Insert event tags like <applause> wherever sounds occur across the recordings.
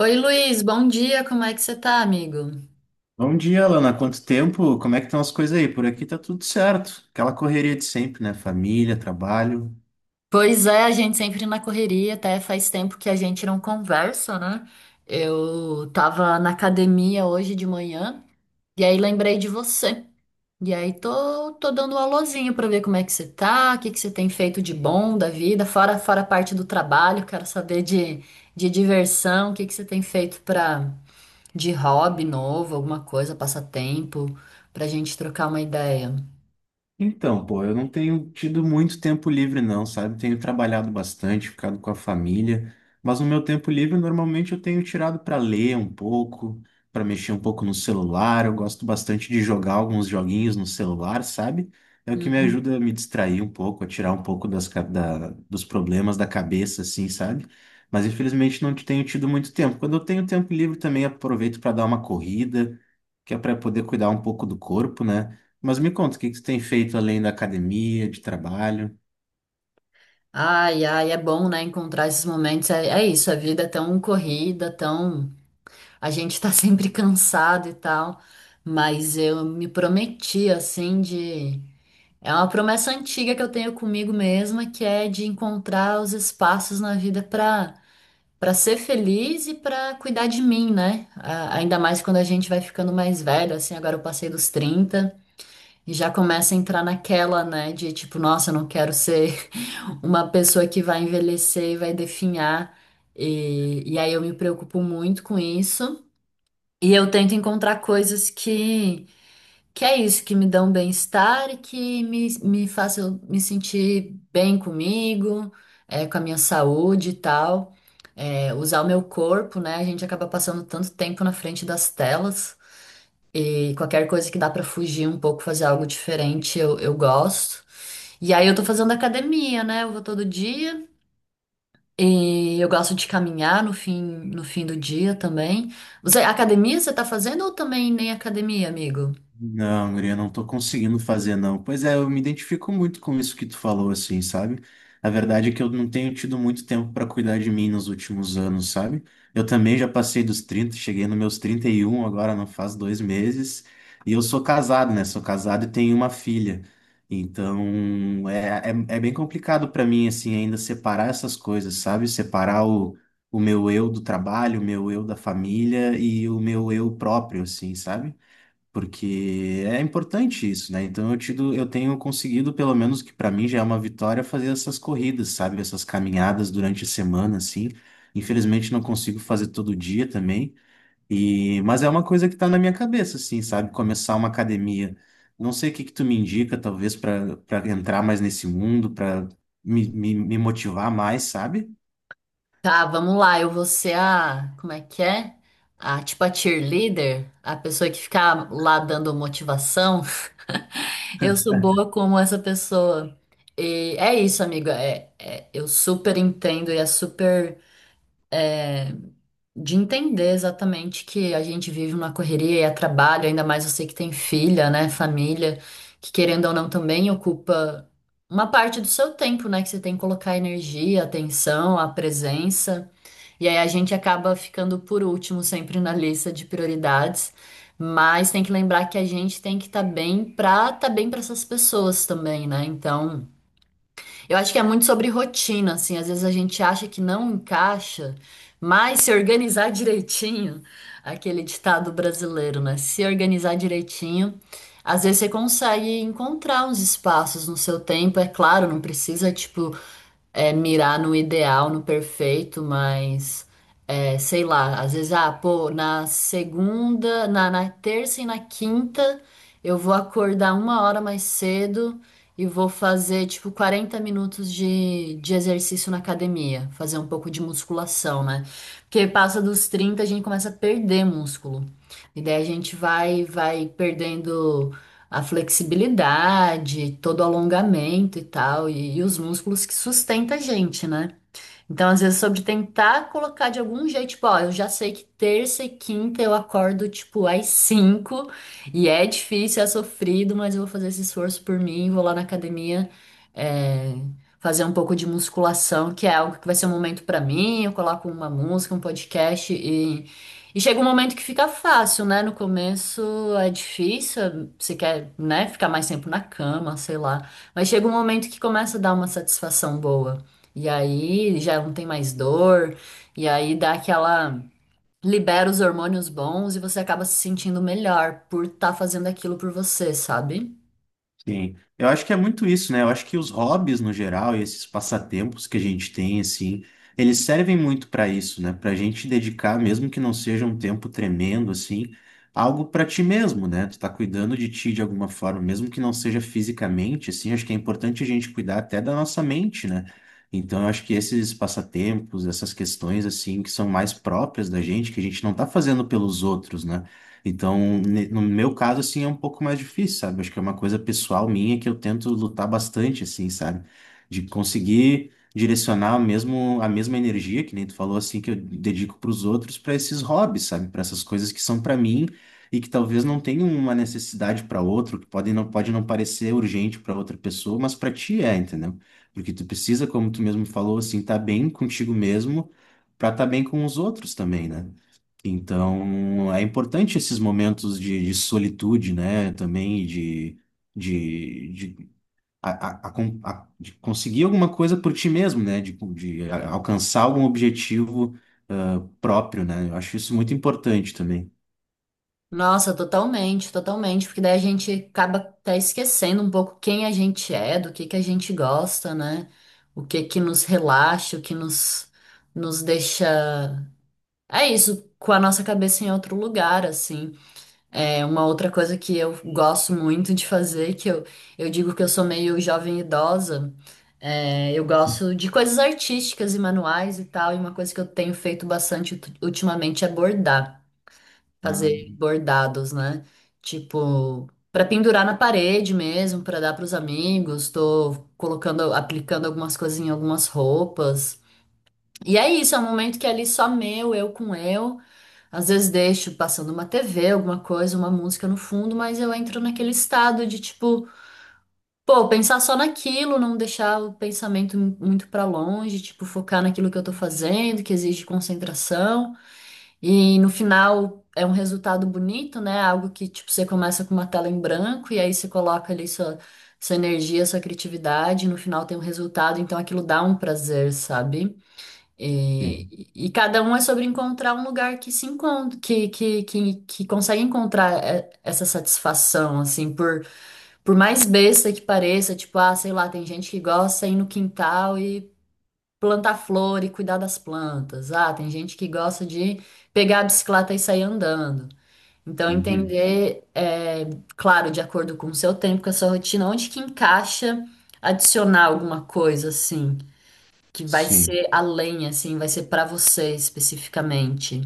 Oi, Luiz, bom dia, como é que você tá, amigo? Bom dia, Lana. Quanto tempo? Como é que estão as coisas aí? Por aqui tá tudo certo. Aquela correria de sempre, né? Família, trabalho. Pois é, a gente sempre na correria, até faz tempo que a gente não conversa, né? Eu tava na academia hoje de manhã e aí lembrei de você. E aí tô dando um alôzinho pra ver como é que você tá, o que que você tem feito de bom da vida, fora a parte do trabalho, quero saber de diversão, o que que você tem feito pra, de hobby novo, alguma coisa, passatempo, pra gente trocar uma ideia. Então, pô, eu não tenho tido muito tempo livre, não, sabe? Tenho trabalhado bastante, ficado com a família, mas no meu tempo livre, normalmente eu tenho tirado para ler um pouco, para mexer um pouco no celular. Eu gosto bastante de jogar alguns joguinhos no celular, sabe? É o que me ajuda a me distrair um pouco, a tirar um pouco dos problemas da cabeça, assim, sabe? Mas infelizmente não tenho tido muito tempo. Quando eu tenho tempo livre, também aproveito para dar uma corrida, que é para poder cuidar um pouco do corpo, né? Mas me conta, o que que tu tem feito além da academia, de trabalho? Ai, ai, é bom, né, encontrar esses momentos. É, é isso, a vida é tão corrida, tão. A gente tá <laughs> sempre cansado e tal. Mas eu me prometi, assim, de. É uma promessa antiga que eu tenho comigo mesma, que é de encontrar os espaços na vida pra, pra ser feliz e pra cuidar de mim, né? Ainda mais quando a gente vai ficando mais velho, assim, agora eu passei dos 30 e já começa a entrar naquela, né, de tipo, nossa, eu não quero ser uma pessoa que vai envelhecer e vai definhar. E aí eu me preocupo muito com isso. E eu tento encontrar coisas que é isso, que me dão bem-estar e que me façam me sentir bem comigo, é, com a minha saúde e tal. É, usar o meu corpo, né? A gente acaba passando tanto tempo na frente das telas. E qualquer coisa que dá pra fugir um pouco, fazer algo diferente, eu gosto. E aí eu tô fazendo academia, né? Eu vou todo dia. E eu gosto de caminhar no fim do dia também. Você, academia você tá fazendo ou também nem academia, amigo? Não, guria, não tô conseguindo fazer, não. Pois é, eu me identifico muito com isso que tu falou, assim, sabe? A verdade é que eu não tenho tido muito tempo pra cuidar de mim nos últimos anos, sabe? Eu também já passei dos 30, cheguei nos meus 31 agora não faz dois meses. E eu sou casado, né? Sou casado e tenho uma filha. Então, é bem complicado pra mim, assim, ainda separar essas coisas, sabe? Separar o meu eu do trabalho, o meu eu da família e o meu eu próprio, assim, sabe? Porque é importante isso, né? Então eu tenho conseguido, pelo menos que para mim já é uma vitória, fazer essas corridas, sabe? Essas caminhadas durante a semana, assim. Infelizmente não consigo fazer todo dia também, e mas é uma coisa que tá na minha cabeça, assim, sabe? Começar uma academia. Não sei o que que tu me indica, talvez para entrar mais nesse mundo, para me motivar mais, sabe? Tá, vamos lá. Eu vou ser a, como é que é? A tipo a cheerleader, a pessoa que fica lá dando motivação. <laughs> Eu sou boa como essa pessoa. E é isso, amiga. É, eu super entendo e é super. De entender exatamente que a gente vive uma correria e é trabalho, ainda mais você que tem filha, né, família, que querendo ou não também ocupa uma parte do seu tempo, né, que você tem que colocar energia, atenção, a presença. E aí a gente acaba ficando por último sempre na lista de prioridades, mas tem que lembrar que a gente tem que estar bem para essas pessoas também, né? Então, eu acho que é muito sobre rotina, assim. Às vezes a gente acha que não encaixa, mas se organizar <laughs> direitinho, aquele ditado brasileiro, né? Se organizar direitinho, às vezes você consegue encontrar uns espaços no seu tempo. É claro, não precisa, tipo, é, mirar no ideal, no perfeito, mas é, sei lá, às vezes, ah, pô, na segunda, na terça e na quinta eu vou acordar uma hora mais cedo e vou fazer, tipo, 40 minutos de exercício na academia, fazer um pouco de musculação, né? Porque passa dos 30 a gente começa a perder músculo. E daí a gente vai perdendo a flexibilidade, todo o alongamento e tal, e os músculos que sustenta a gente, né? Então, às vezes, sobre tentar colocar de algum jeito, tipo, ó, eu já sei que terça e quinta eu acordo, tipo, às 5, e é difícil, é sofrido, mas eu vou fazer esse esforço por mim, vou lá na academia, é, fazer um pouco de musculação, que é algo que vai ser um momento pra mim, eu coloco uma música, um podcast, e chega um momento que fica fácil, né? No começo é difícil, você quer, né, ficar mais tempo na cama, sei lá, mas chega um momento que começa a dar uma satisfação boa. E aí já não tem mais dor, e aí dá aquela. Libera os hormônios bons e você acaba se sentindo melhor por estar fazendo aquilo por você, sabe? Sim, eu acho que é muito isso, né? Eu acho que os hobbies no geral e esses passatempos que a gente tem, assim, eles servem muito para isso, né? Para a gente dedicar, mesmo que não seja um tempo tremendo, assim, algo para ti mesmo, né? Tu tá cuidando de ti de alguma forma, mesmo que não seja fisicamente, assim, acho que é importante a gente cuidar até da nossa mente, né? Então, eu acho que esses passatempos, essas questões, assim, que são mais próprias da gente, que a gente não tá fazendo pelos outros, né? Então, no meu caso, assim, é um pouco mais difícil, sabe? Acho que é uma coisa pessoal minha que eu tento lutar bastante, assim, sabe? De conseguir direcionar mesmo a mesma energia, que nem tu falou, assim, que eu dedico para os outros, para esses hobbies, sabe? Para essas coisas que são para mim e que talvez não tenham uma necessidade para outro, que pode não parecer urgente para outra pessoa, mas para ti é, entendeu? Porque tu precisa, como tu mesmo falou, assim, estar tá bem contigo mesmo para estar tá bem com os outros também, né? Então, é importante esses momentos de solitude, né? Também e de, a con- a- de conseguir alguma coisa por ti mesmo, né? Alcançar algum objetivo próprio, né? Eu acho isso muito importante também. Nossa, totalmente, totalmente, porque daí a gente acaba até esquecendo um pouco quem a gente é, do que a gente gosta, né? O que que nos relaxa, o que nos deixa. É isso, com a nossa cabeça em outro lugar, assim. É uma outra coisa que eu gosto muito de fazer, que eu digo que eu sou meio jovem idosa, é, eu gosto de coisas artísticas e manuais e tal, e uma coisa que eu tenho feito bastante ultimamente é bordar, Ah, fazer bordados, né? Tipo, para pendurar na parede mesmo, para dar para os amigos, tô colocando, aplicando algumas coisas em algumas roupas. E é isso, é um momento que é ali só meu, eu com eu. Às vezes deixo passando uma TV, alguma coisa, uma música no fundo, mas eu entro naquele estado de tipo, pô, pensar só naquilo, não deixar o pensamento muito pra longe, tipo, focar naquilo que eu tô fazendo, que exige concentração. E no final é um resultado bonito, né? Algo que, tipo, você começa com uma tela em branco e aí você coloca ali sua, sua energia, sua criatividade, e no final tem um resultado, então aquilo dá um prazer, sabe? sim. E cada um é sobre encontrar um lugar que se encontra, que consegue encontrar é, essa satisfação, assim, por mais besta que pareça, tipo, ah, sei lá, tem gente que gosta de ir no quintal e plantar flor e cuidar das plantas. Ah, tem gente que gosta de pegar a bicicleta e sair andando. Então, Uhum. entender, é, claro, de acordo com o seu tempo, com a sua rotina, onde que encaixa adicionar alguma coisa, assim que vai Sim. ser além, assim, vai ser pra você especificamente.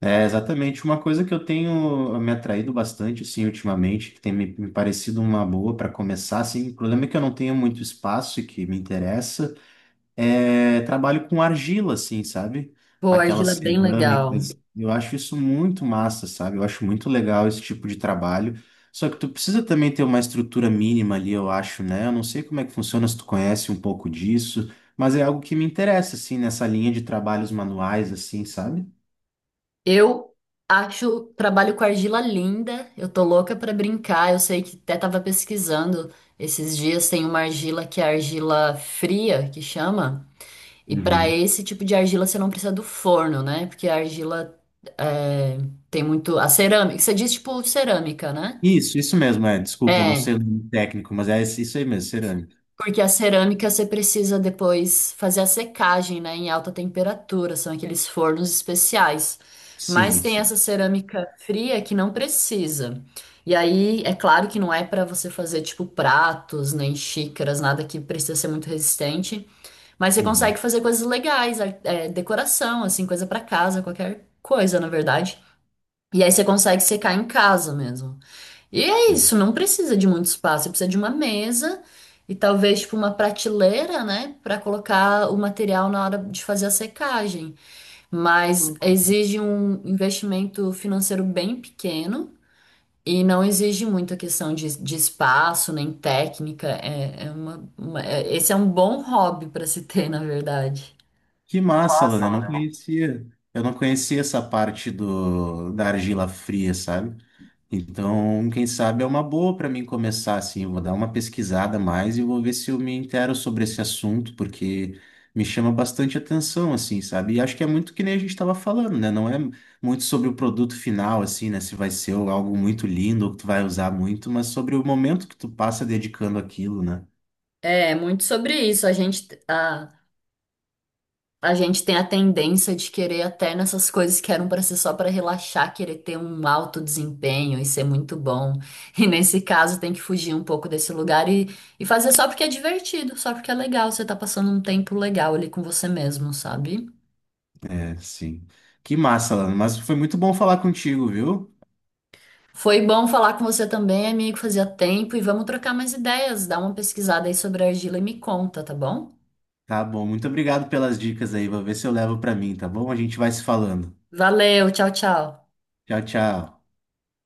É exatamente uma coisa que eu tenho me atraído bastante, assim, ultimamente, que tem me parecido uma boa para começar, assim. O problema é que eu não tenho muito espaço e que me interessa. É, trabalho com argila, assim, sabe? Pô, Aquelas argila é bem legal. cerâmicas. Eu acho isso muito massa, sabe? Eu acho muito legal esse tipo de trabalho. Só que tu precisa também ter uma estrutura mínima ali, eu acho, né? Eu não sei como é que funciona, se tu conhece um pouco disso, mas é algo que me interessa, assim, nessa linha de trabalhos manuais, assim, sabe? Eu acho, trabalho com argila linda, eu tô louca pra brincar. Eu sei que até tava pesquisando esses dias, tem uma argila que é argila fria, que chama. E pra Uhum. esse tipo de argila você não precisa do forno, né? Porque a argila é, tem muito. A cerâmica, você diz tipo cerâmica, né? Isso mesmo, é. Desculpa, eu não sei É, o nome técnico, mas é isso aí mesmo, cerâmica. porque a cerâmica você precisa depois fazer a secagem, né, em alta temperatura, são aqueles fornos especiais. Mas Sim, tem sim. essa cerâmica fria que não precisa. E aí, é claro que não é para você fazer tipo pratos, nem xícaras, nada que precisa ser muito resistente, mas você consegue Uhum, fazer coisas legais, é, decoração, assim, coisa para casa, qualquer coisa, na verdade. E aí você consegue secar em casa mesmo. E é sim. isso, não precisa de muito espaço, você precisa de uma mesa e talvez tipo uma prateleira, né, para colocar o material na hora de fazer a secagem. Mas Ok. exige um investimento financeiro bem pequeno e não exige muita questão de espaço nem técnica. É, é esse é um bom hobby para se ter, na verdade. Que Que massa, massa, Lana. Eu não Lorena. conhecia. Eu não conhecia essa parte da argila fria, sabe? Então, quem sabe é uma boa para mim começar assim. Eu vou dar uma pesquisada a mais e vou ver se eu me intero sobre esse assunto, porque me chama bastante atenção, assim, sabe? E acho que é muito que nem a gente estava falando, né? Não é muito sobre o produto final, assim, né? Se vai ser algo muito lindo ou que tu vai usar muito, mas sobre o momento que tu passa dedicando aquilo, né? É, muito sobre isso. A gente tem a tendência de querer até nessas coisas que eram para ser só para relaxar, querer ter um alto desempenho e ser muito bom. E nesse caso tem que fugir um pouco desse lugar e fazer só porque é divertido, só porque é legal, você tá passando um tempo legal ali com você mesmo, sabe? É, sim. Que massa, Lana. Mas foi muito bom falar contigo, viu? Foi bom falar com você também, amigo, fazia tempo e vamos trocar mais ideias, dá uma pesquisada aí sobre a argila e me conta, tá bom? Tá bom, muito obrigado pelas dicas aí. Vou ver se eu levo pra mim, tá bom? A gente vai se falando. Valeu, tchau, tchau. Tchau, tchau.